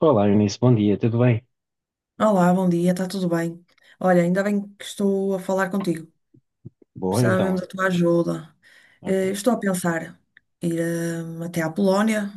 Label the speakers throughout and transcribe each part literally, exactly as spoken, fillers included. Speaker 1: Olá, Eunice, bom dia, tudo bem?
Speaker 2: Olá, bom dia, está tudo bem? Olha, ainda bem que estou a falar contigo.
Speaker 1: Boa,
Speaker 2: Precisava mesmo
Speaker 1: então.
Speaker 2: da tua ajuda. Eh,
Speaker 1: Ok.
Speaker 2: estou a pensar ir eh, até à Polónia,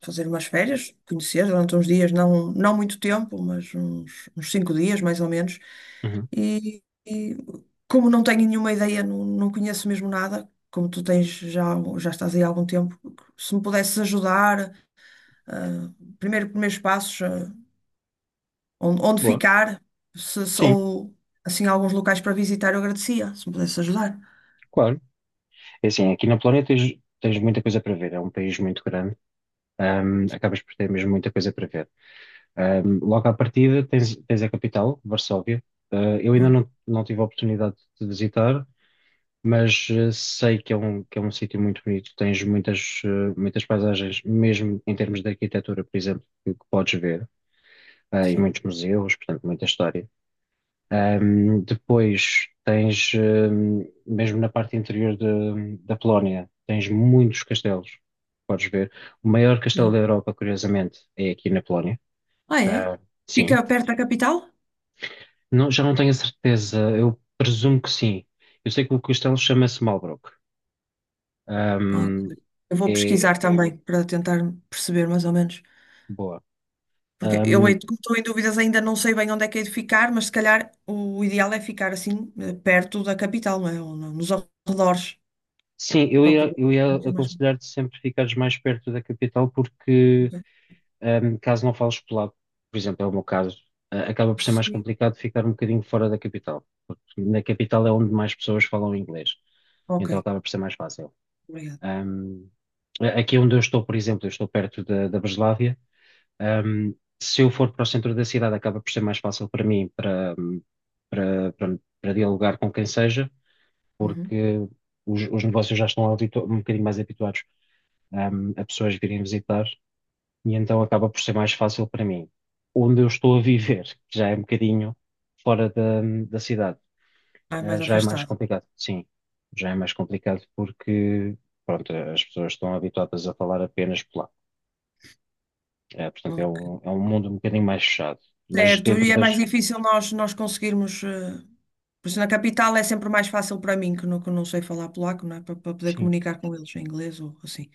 Speaker 2: fazer umas férias, conhecer durante uns dias, não, não muito tempo, mas uns, uns cinco dias mais ou menos.
Speaker 1: Uhum.
Speaker 2: E, e como não tenho nenhuma ideia, não, não conheço mesmo nada, como tu tens já, já estás aí há algum tempo, se me pudesses ajudar, eh, primeiro, primeiros passos. eh, onde, onde
Speaker 1: Boa.
Speaker 2: ficar, se, se-
Speaker 1: Sim,
Speaker 2: ou assim alguns locais para visitar, eu agradecia, se me pudesse ajudar.
Speaker 1: claro. É assim, aqui na Polónia tens, tens muita coisa para ver, é um país muito grande, ahm, acabas por ter mesmo muita coisa para ver. Ahm, logo à partida tens, tens a capital, Varsóvia. Ah, eu ainda
Speaker 2: Oh,
Speaker 1: não, não tive a oportunidade de visitar, mas eh, sei que é um, que é um sítio muito bonito, tens muitas, eh, muitas paisagens, mesmo em termos de arquitetura, por exemplo, que, que podes ver, ah, e
Speaker 2: sim.
Speaker 1: muitos museus, portanto, muita história. Ahm, depois tens, ahm, mesmo na parte interior de- da Polónia, tens muitos castelos, podes ver. O maior castelo
Speaker 2: Boa.
Speaker 1: da Europa, curiosamente, é aqui na Polónia.
Speaker 2: Ah, é?
Speaker 1: Ah, sim.
Speaker 2: Fica perto da capital?
Speaker 1: Não- já não tenho a certeza, eu presumo que sim. Eu sei que o castelo chama-se Malbrück.
Speaker 2: Ok.
Speaker 1: Ahm,
Speaker 2: Eu vou
Speaker 1: É
Speaker 2: pesquisar também para tentar perceber mais ou menos.
Speaker 1: boa.
Speaker 2: Porque eu
Speaker 1: Ahm,
Speaker 2: eh, como estou em dúvidas, ainda não sei bem onde é que hei de ficar, mas se calhar o ideal é ficar assim eh, perto da capital, não é? Ou no- Nos arredores,
Speaker 1: sim, eu
Speaker 2: para
Speaker 1: ia,
Speaker 2: poder.
Speaker 1: eu ia
Speaker 2: Não mais
Speaker 1: aconselhar-te sempre ficares mais perto da capital porque
Speaker 2: ok.
Speaker 1: um, caso não fales polaco, por exemplo, é o meu caso, uh, acaba por ser mais
Speaker 2: Sim,
Speaker 1: complicado ficar um bocadinho fora da capital, porque na capital é onde mais pessoas falam inglês,
Speaker 2: ok,
Speaker 1: então acaba por ser mais fácil.
Speaker 2: obrigado.
Speaker 1: Um, a- Aqui onde eu estou, por exemplo, eu estou perto da, da Breslávia, um, se eu for para o centro da cidade, acaba por ser mais fácil para mim para, um, para, para, para dialogar com quem seja,
Speaker 2: Uhum.
Speaker 1: porque os, os negócios já estão habitu- um bocadinho mais habituados, um, a pessoas virem visitar e então acaba por ser mais fácil para mim. Onde eu estou a viver, que já é um bocadinho fora da, da cidade,
Speaker 2: Ah,
Speaker 1: eh,
Speaker 2: mais
Speaker 1: já é mais
Speaker 2: afastado.
Speaker 1: complicado, sim, já é mais complicado porque, pronto, as pessoas estão habituadas a falar apenas polaco. Eh, portanto é
Speaker 2: Ok.
Speaker 1: um, é um mundo um bocadinho mais fechado, mas
Speaker 2: Certo,
Speaker 1: dentro
Speaker 2: e é mais
Speaker 1: das,
Speaker 2: difícil nós, nós conseguirmos. eh, Por isso, na capital é sempre mais fácil para mim, que não, que não sei falar polaco, não é? Para, para poder
Speaker 1: sim,
Speaker 2: comunicar com eles em inglês ou assim.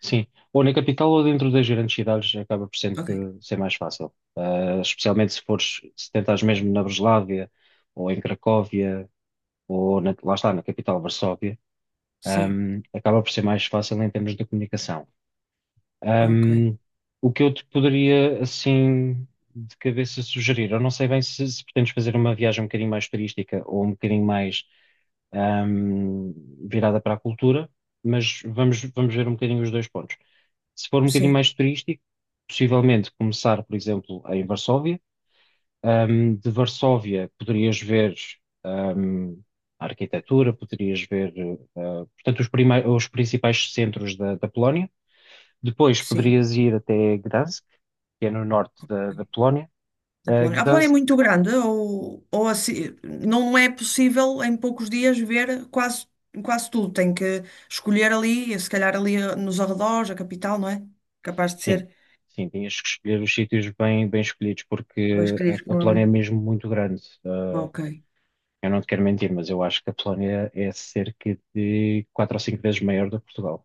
Speaker 1: sim, ou na capital ou dentro das grandes cidades acaba por
Speaker 2: Ok.
Speaker 1: sempre ser mais fácil. Eh, especialmente se fores, se tentares mesmo na Breslávia ou em Cracóvia ou na- lá está, na capital, Varsóvia.
Speaker 2: Sim,
Speaker 1: Um, acaba por ser mais fácil em termos de comunicação.
Speaker 2: ok.
Speaker 1: Um, o que eu te poderia, assim, de cabeça sugerir, eu não sei bem se, se pretendes fazer uma viagem um bocadinho mais turística ou um bocadinho mais, um, virada para a cultura, mas vamos, vamos ver um bocadinho os dois pontos. Se for um bocadinho
Speaker 2: Sim,
Speaker 1: mais turístico, possivelmente começar, por exemplo, em Varsóvia. Ahm, de Varsóvia poderias ver ahm, a arquitetura, poderias ver, ah, portanto, os, primei- os principais centros da, da Polónia. Depois
Speaker 2: sim.
Speaker 1: poderias ir até Gdansk, que é no norte da, da Polónia.
Speaker 2: Da
Speaker 1: Ah,
Speaker 2: Polónia. A Polónia é
Speaker 1: Gdansk,
Speaker 2: muito grande, ou, ou assim, não é possível em poucos dias ver quase, quase tudo. Tem que escolher ali, se calhar ali eh, nos arredores, a capital, não é? Capaz de
Speaker 1: sim,
Speaker 2: ser.
Speaker 1: sim, tinhas que escolher os sítios bem, bem escolhidos,
Speaker 2: Mas
Speaker 1: porque
Speaker 2: escolher que
Speaker 1: a, a
Speaker 2: não é
Speaker 1: Polónia é
Speaker 2: muito.
Speaker 1: mesmo muito grande. Ah,
Speaker 2: Ok.
Speaker 1: eu não te quero mentir, mas eu acho que a Polónia é cerca de quatro ou cinco vezes maior do que Portugal.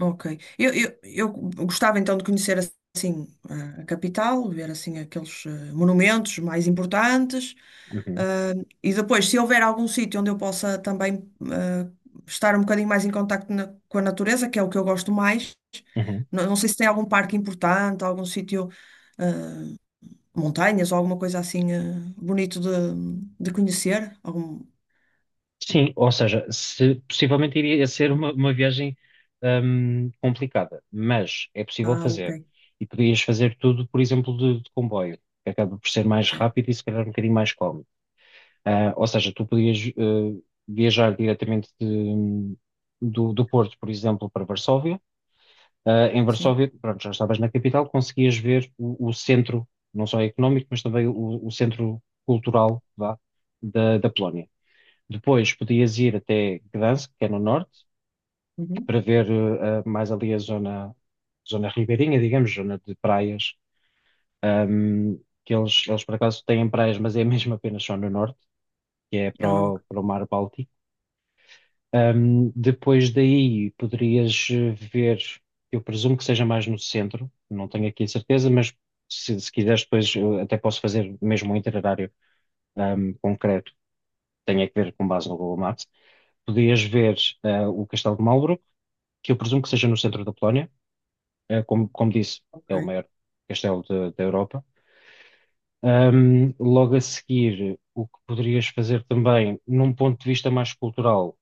Speaker 2: Ok. Eu, eu, eu gostava então de conhecer assim a a capital, ver assim aqueles eh, monumentos mais importantes.
Speaker 1: Uhum,
Speaker 2: ah, e depois, se houver algum sítio onde eu possa também ah, estar um bocadinho mais em contacto na- com a natureza, que é o que eu gosto mais,
Speaker 1: uhum.
Speaker 2: não, não sei se tem algum parque importante, algum sítio, ah, montanhas ou alguma coisa assim ah, bonito de, de conhecer. Algum...
Speaker 1: Sim, ou seja, se- possivelmente iria ser uma, uma viagem hum, complicada, mas é possível
Speaker 2: Ah, ok.
Speaker 1: fazer. E podias fazer tudo, por exemplo, de, de comboio, que acaba por ser mais
Speaker 2: Sim.
Speaker 1: rápido e se calhar um bocadinho mais cómodo. Ah, ou seja, tu podias eh, viajar diretamente de- do, do Porto, por exemplo, para Varsóvia. Ah, em
Speaker 2: Sim.
Speaker 1: Varsóvia, pronto, já estavas na capital, conseguias ver o, o centro, não só económico, mas também o, o centro cultural, vá, da, da Polónia. Depois podias ir até Gdansk, que é no norte,
Speaker 2: Uhum.
Speaker 1: para ver eh, eh, mais ali a zona, zona ribeirinha, digamos, zona de praias, ahm, que eles, eles por acaso têm praias, mas é mesmo apenas só no norte, que é para
Speaker 2: Ah,
Speaker 1: o,
Speaker 2: ok.
Speaker 1: para o mar Báltico. Ahm, depois daí poderias eh, ver, eu presumo que seja mais no centro, não tenho aqui a certeza, mas se, se quiseres depois eu até posso fazer mesmo um itinerário ahm, concreto, tenho é que ver com base no Google Maps. Podias ver eh, o Castelo de Marlborough, que eu presumo que seja no centro da Polónia. Eh, como, como disse,
Speaker 2: Ok.
Speaker 1: é o maior castelo da da Europa. Ahm, logo a seguir, o que poderias fazer também, num ponto de vista mais cultural,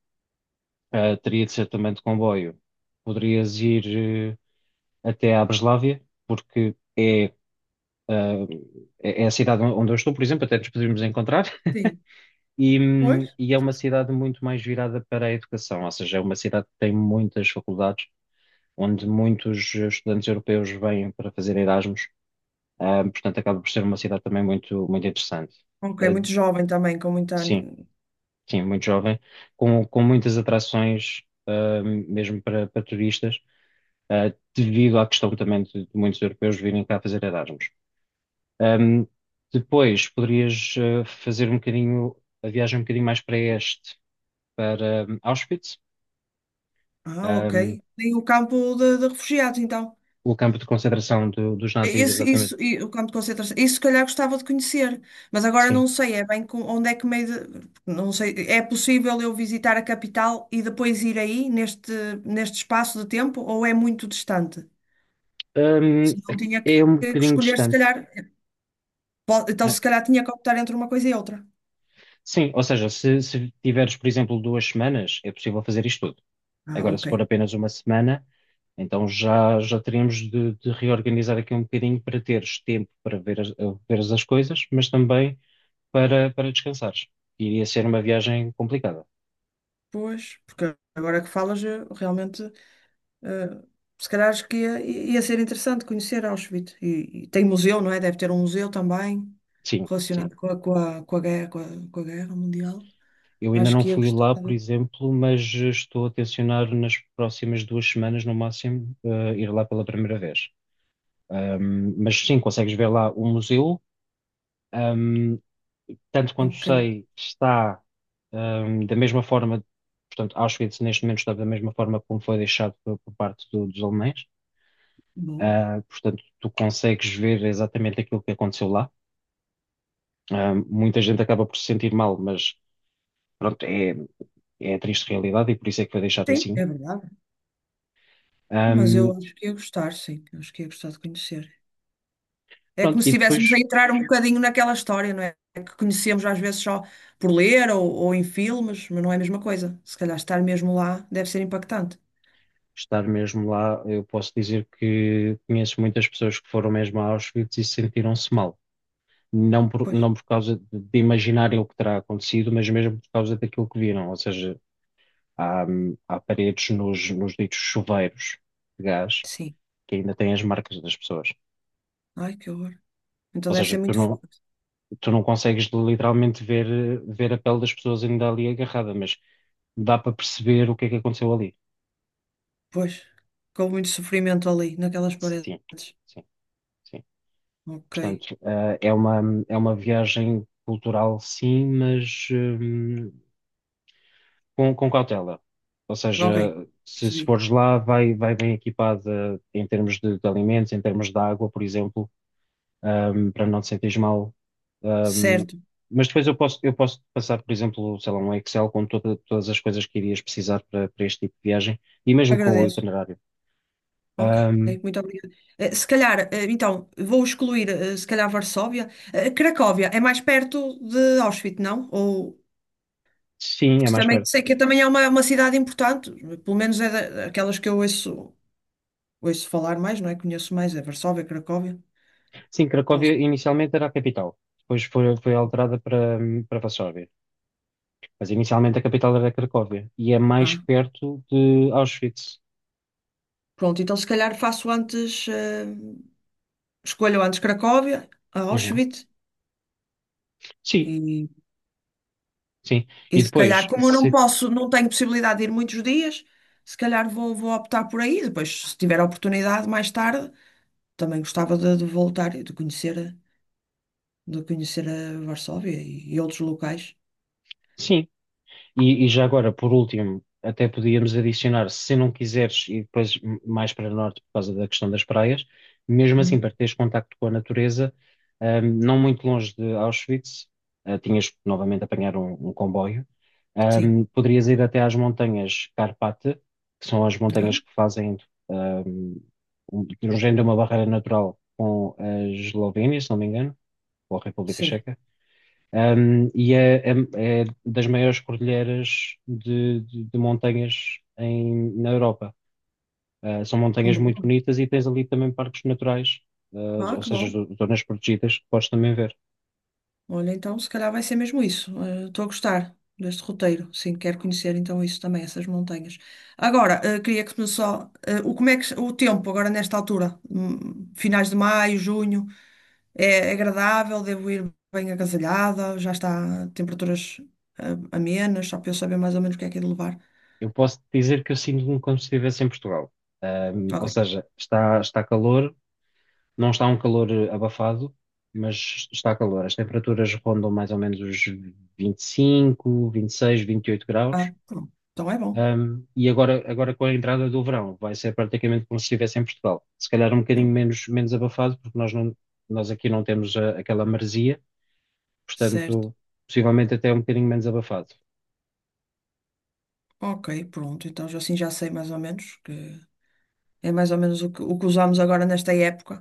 Speaker 1: eh, teria de ser também de comboio. Poderias ir, eh, até à Breslávia, porque é, ah, é é a cidade onde eu estou, por exemplo, até nos poderíamos encontrar,
Speaker 2: Sim.
Speaker 1: e,
Speaker 2: Pois.
Speaker 1: hum, e é uma cidade muito mais virada para a educação, ou seja, é uma cidade que tem muitas faculdades, onde muitos estudantes europeus vêm para fazer Erasmus. Ahm, portanto, acaba por ser uma cidade também muito, muito interessante.
Speaker 2: Ok,
Speaker 1: Ah,
Speaker 2: muito jovem também, com muita.
Speaker 1: sim,
Speaker 2: ani-
Speaker 1: sim, muito jovem, com, com muitas atrações, ahm, mesmo para, para turistas, ah, devido à questão também de, de muitos europeus virem cá fazer Erasmus. Ahm, Depois, poderias ah, fazer um bocadinho, a viagem um bocadinho mais para este, para ahm, Auschwitz,
Speaker 2: Ah, ok.
Speaker 1: ahm,
Speaker 2: Tem o campo de, de refugiados, então.
Speaker 1: o campo de concentração do- dos
Speaker 2: É
Speaker 1: nazis,
Speaker 2: esse,
Speaker 1: exatamente,
Speaker 2: isso, e o campo de concentração. Isso, se calhar, gostava de conhecer, mas agora
Speaker 1: sim.
Speaker 2: não sei, é bem com, onde é que meio de, não sei, é possível eu visitar a capital e depois ir aí neste, neste espaço de tempo ou é muito distante?
Speaker 1: Ahm,
Speaker 2: Se não tinha que,
Speaker 1: É um
Speaker 2: que
Speaker 1: bocadinho
Speaker 2: escolher, se
Speaker 1: distante.
Speaker 2: calhar, po- então
Speaker 1: Ah,
Speaker 2: se calhar tinha que optar entre uma coisa e outra.
Speaker 1: sim, ou seja, se, se tiveres, por exemplo, duas semanas, é possível fazer isto tudo.
Speaker 2: Ah,
Speaker 1: Agora, se
Speaker 2: ok.
Speaker 1: for apenas uma semana, então já, já teríamos de, de reorganizar aqui um bocadinho para teres tempo para ver as, a- veres as coisas, mas também para, para descansares. Iria ser uma viagem complicada.
Speaker 2: Pois, porque agora que falas, eu realmente. Eh, Se calhar acho que ia, ia ser interessante conhecer Auschwitz. E, e tem museu, não é? Deve ter um museu também
Speaker 1: Sim, sim.
Speaker 2: relacionado com a, com a, com a guerra, com a, com a guerra mundial.
Speaker 1: Eu ainda
Speaker 2: Acho
Speaker 1: não
Speaker 2: que ia
Speaker 1: fui lá, por
Speaker 2: gostar.
Speaker 1: exemplo, mas estou a tencionar nas próximas duas semanas, no máximo, eh, ir lá pela primeira vez. Ahm, mas sim, consegues ver lá o museu. Tanto quanto
Speaker 2: Ok,
Speaker 1: sei, está ahm, da mesma forma, portanto, Auschwitz neste momento está da mesma forma como foi deixado por, por parte do- dos alemães.
Speaker 2: boa.
Speaker 1: Ah, portanto, tu consegues ver exatamente aquilo que aconteceu lá. Ah, muita gente acaba por se sentir mal, mas pronto, é, é a triste realidade e por isso é que foi deixado
Speaker 2: Sim,
Speaker 1: assim.
Speaker 2: é verdade. Mas eu
Speaker 1: Ahm,
Speaker 2: acho que ia gostar, sim. Eu acho que ia gostar de conhecer. É
Speaker 1: Pronto,
Speaker 2: como se
Speaker 1: e
Speaker 2: estivéssemos
Speaker 1: depois
Speaker 2: a entrar um bocadinho naquela história, não é? Que conhecemos às vezes só por ler ou, ou em filmes, mas não é a mesma coisa. Se calhar estar mesmo lá deve ser impactante.
Speaker 1: estar mesmo lá, eu posso dizer que conheço muitas pessoas que foram mesmo a Auschwitz e sentiram-se mal. Não por,
Speaker 2: Pois,
Speaker 1: não por causa de, de imaginarem o que terá acontecido, mas mesmo por causa daquilo que viram. Ou seja, há, hum, há paredes nos, nos ditos chuveiros de gás
Speaker 2: sim.
Speaker 1: que ainda têm as marcas das pessoas.
Speaker 2: Ai, que horror. Então
Speaker 1: Ou
Speaker 2: deve ser
Speaker 1: seja, tu
Speaker 2: muito
Speaker 1: não,
Speaker 2: forte.
Speaker 1: tu não consegues literalmente ver, eh, ver a pele das pessoas ainda ali agarrada, mas dá para perceber o que é que aconteceu ali.
Speaker 2: Pois, com muito sofrimento ali, naquelas paredes.
Speaker 1: Sim, sim, sim.
Speaker 2: Ok,
Speaker 1: Portanto, eh, é uma, é uma viagem cultural, sim, mas, hum, com, com cautela. Ou
Speaker 2: ok,
Speaker 1: seja, se, se
Speaker 2: percebi.
Speaker 1: fores lá, vai, vai bem equipada em termos de, de alimentos, em termos de água, por exemplo, ahm, para não te sentires mal. Ahm,
Speaker 2: Certo,
Speaker 1: mas depois eu posso, eu posso passar, por exemplo, sei lá, um Excel com toda- todas as coisas que irias precisar para, para este tipo de viagem e mesmo com o
Speaker 2: agradeço.
Speaker 1: itinerário.
Speaker 2: Ok,
Speaker 1: Ahm,
Speaker 2: muito obrigada. Eh, se calhar, eh, então, vou excluir, eh, se calhar, Varsóvia. Eh, Cracóvia é mais perto de Auschwitz, não? Ou,
Speaker 1: sim, é
Speaker 2: porque
Speaker 1: mais
Speaker 2: também
Speaker 1: perto.
Speaker 2: sei que também é uma, uma cidade importante, pelo menos é da- daquelas que eu ouço, ouço falar mais, não é? Conheço mais, é Varsóvia, Cracóvia.
Speaker 1: Sim,
Speaker 2: Não
Speaker 1: Cracóvia
Speaker 2: sei.
Speaker 1: inicialmente era a capital, depois foi, foi alterada para, para Varsóvia. Mas inicialmente a capital era Cracóvia e é mais
Speaker 2: Ah,
Speaker 1: perto de Auschwitz.
Speaker 2: pronto, então se calhar faço antes, eh, escolho antes Cracóvia, a
Speaker 1: Uhum.
Speaker 2: Auschwitz.
Speaker 1: Sim,
Speaker 2: E,
Speaker 1: sim.
Speaker 2: e
Speaker 1: E
Speaker 2: se calhar,
Speaker 1: depois,
Speaker 2: como eu não
Speaker 1: se-
Speaker 2: posso, não tenho possibilidade de ir muitos dias, se calhar vou, vou optar por aí. Depois, se tiver a oportunidade mais tarde, também gostava de, de voltar e de conhecer, de conhecer a Varsóvia e, e outros locais.
Speaker 1: sim. E, e já agora, por último, até podíamos adicionar, se não quiseres, e depois m- mais para norte, por causa da questão das praias, mesmo assim,
Speaker 2: Hum.
Speaker 1: para teres contacto com a natureza, ahm, não muito longe de Auschwitz, ah, tinhas que novamente apanhar um, um comboio,
Speaker 2: Sim.
Speaker 1: ahm, poderias ir até às montanhas Karpat, que são as
Speaker 2: Ah,
Speaker 1: montanhas que fazem, ahm, um, de um género de uma barreira natural com a Eslovénia, se não me engano, ou a República
Speaker 2: sim.
Speaker 1: Checa. Um, e é, é- é das maiores cordilheiras de, de- de montanhas em- na Europa. Uh, são montanhas muito
Speaker 2: Boa.
Speaker 1: bonitas e tens ali também parques naturais, uh,
Speaker 2: Ah,
Speaker 1: ou
Speaker 2: que
Speaker 1: seja,
Speaker 2: bom.
Speaker 1: zo- zonas protegidas que podes também ver.
Speaker 2: Olha, então, se calhar vai ser mesmo isso. Eh, Estou a gostar deste roteiro. Sim, quero conhecer então isso também, essas montanhas. Agora, eh, queria que me só. Eh, o, como é que, o tempo agora nesta altura? Hum, finais de maio, junho. É agradável, devo ir bem agasalhada, já está a temperaturas ah, amenas, só para eu saber mais ou menos o que é que é de levar.
Speaker 1: Eu posso dizer que eu sinto-me como se estivesse em Portugal. Um, ou
Speaker 2: Ok.
Speaker 1: seja, está, está calor, não está um calor eh, abafado, mas está calor. As temperaturas rondam mais ou menos os vinte e cinco, vinte e seis, vinte e oito
Speaker 2: Ah,
Speaker 1: graus.
Speaker 2: pronto. Então é bom.
Speaker 1: Um, e agora, agora com a entrada do verão, vai ser praticamente como se estivesse em Portugal. Se calhar um bocadinho menos, menos abafado, porque nós, não, nós aqui não temos a- aquela maresia,
Speaker 2: Certo.
Speaker 1: portanto, possivelmente até um bocadinho menos abafado.
Speaker 2: Ok, pronto. Então já- assim já sei mais ou menos que é mais ou menos o que, o que usamos agora nesta época.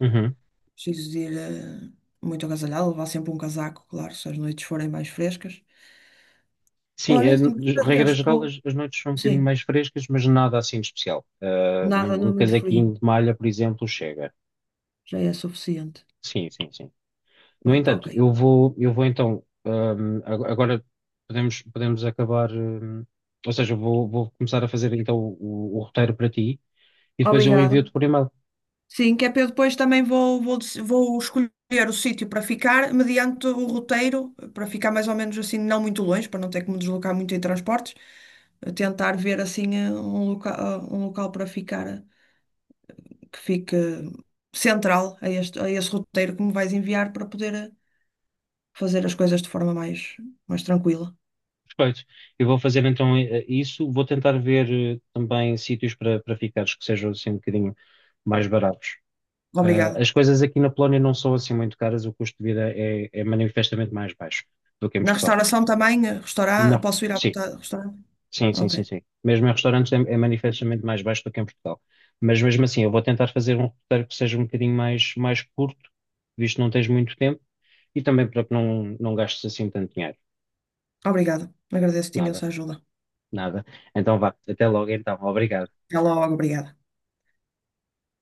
Speaker 1: Uhum.
Speaker 2: Preciso de ir ah, muito agasalhada, levar sempre um casaco, claro, se as noites forem mais frescas.
Speaker 1: Sim, é,
Speaker 2: Olha, se
Speaker 1: de
Speaker 2: me
Speaker 1: regra
Speaker 2: acho que
Speaker 1: geral,
Speaker 2: vou.
Speaker 1: as, as noites são um bocadinho
Speaker 2: Sim,
Speaker 1: mais frescas, mas nada assim de especial. Uh,
Speaker 2: nada,
Speaker 1: um,
Speaker 2: não é
Speaker 1: um
Speaker 2: muito
Speaker 1: casaquinho
Speaker 2: frio.
Speaker 1: de malha, por exemplo, chega.
Speaker 2: Já é suficiente.
Speaker 1: Sim, sim, sim. No
Speaker 2: Pronto, ok.
Speaker 1: entanto, eu vou, eu vou então, hum, ag- agora podemos, podemos acabar, hum, ou seja, eu vou, vou começar a fazer então o, o roteiro para ti e depois eu
Speaker 2: Obrigada.
Speaker 1: envio-te por e-mail.
Speaker 2: Sim, que é para eu depois também vou, vou, dec- vou escolher o sítio para ficar, mediante o roteiro, para ficar mais ou menos assim, não muito longe, para não ter que me deslocar muito em transportes, a tentar ver assim eh, um local, um local para ficar eh, que fique central a este, a esse roteiro que me vais enviar para poder eh, fazer as coisas de forma mais, mais tranquila.
Speaker 1: Perfeito. Eu vou fazer então eh, eh, isso, vou tentar ver eh, também sítios para, para ficares que sejam assim um bocadinho mais baratos. Eh,
Speaker 2: Obrigada.
Speaker 1: as coisas aqui na Polónia não são assim muito caras, o custo de vida é, é manifestamente mais baixo do que em
Speaker 2: Na
Speaker 1: Portugal.
Speaker 2: restauração também, eh, restaurar,
Speaker 1: Não,
Speaker 2: posso ir à
Speaker 1: sim.
Speaker 2: vontade, restaurar?
Speaker 1: Sim, sim, sim,
Speaker 2: Ok.
Speaker 1: sim. Mesmo em restaurantes é, é manifestamente mais baixo do que em Portugal. Mas mesmo assim, eu vou tentar fazer um roteiro que seja um bocadinho mais, mais curto, visto que não tens muito tempo, e também para que não, não gastes assim tanto dinheiro.
Speaker 2: Obrigada. Agradeço-te
Speaker 1: Nada,
Speaker 2: imensa ajuda.
Speaker 1: nada. Então vá, até logo então. Obrigado.
Speaker 2: Até logo, obrigada.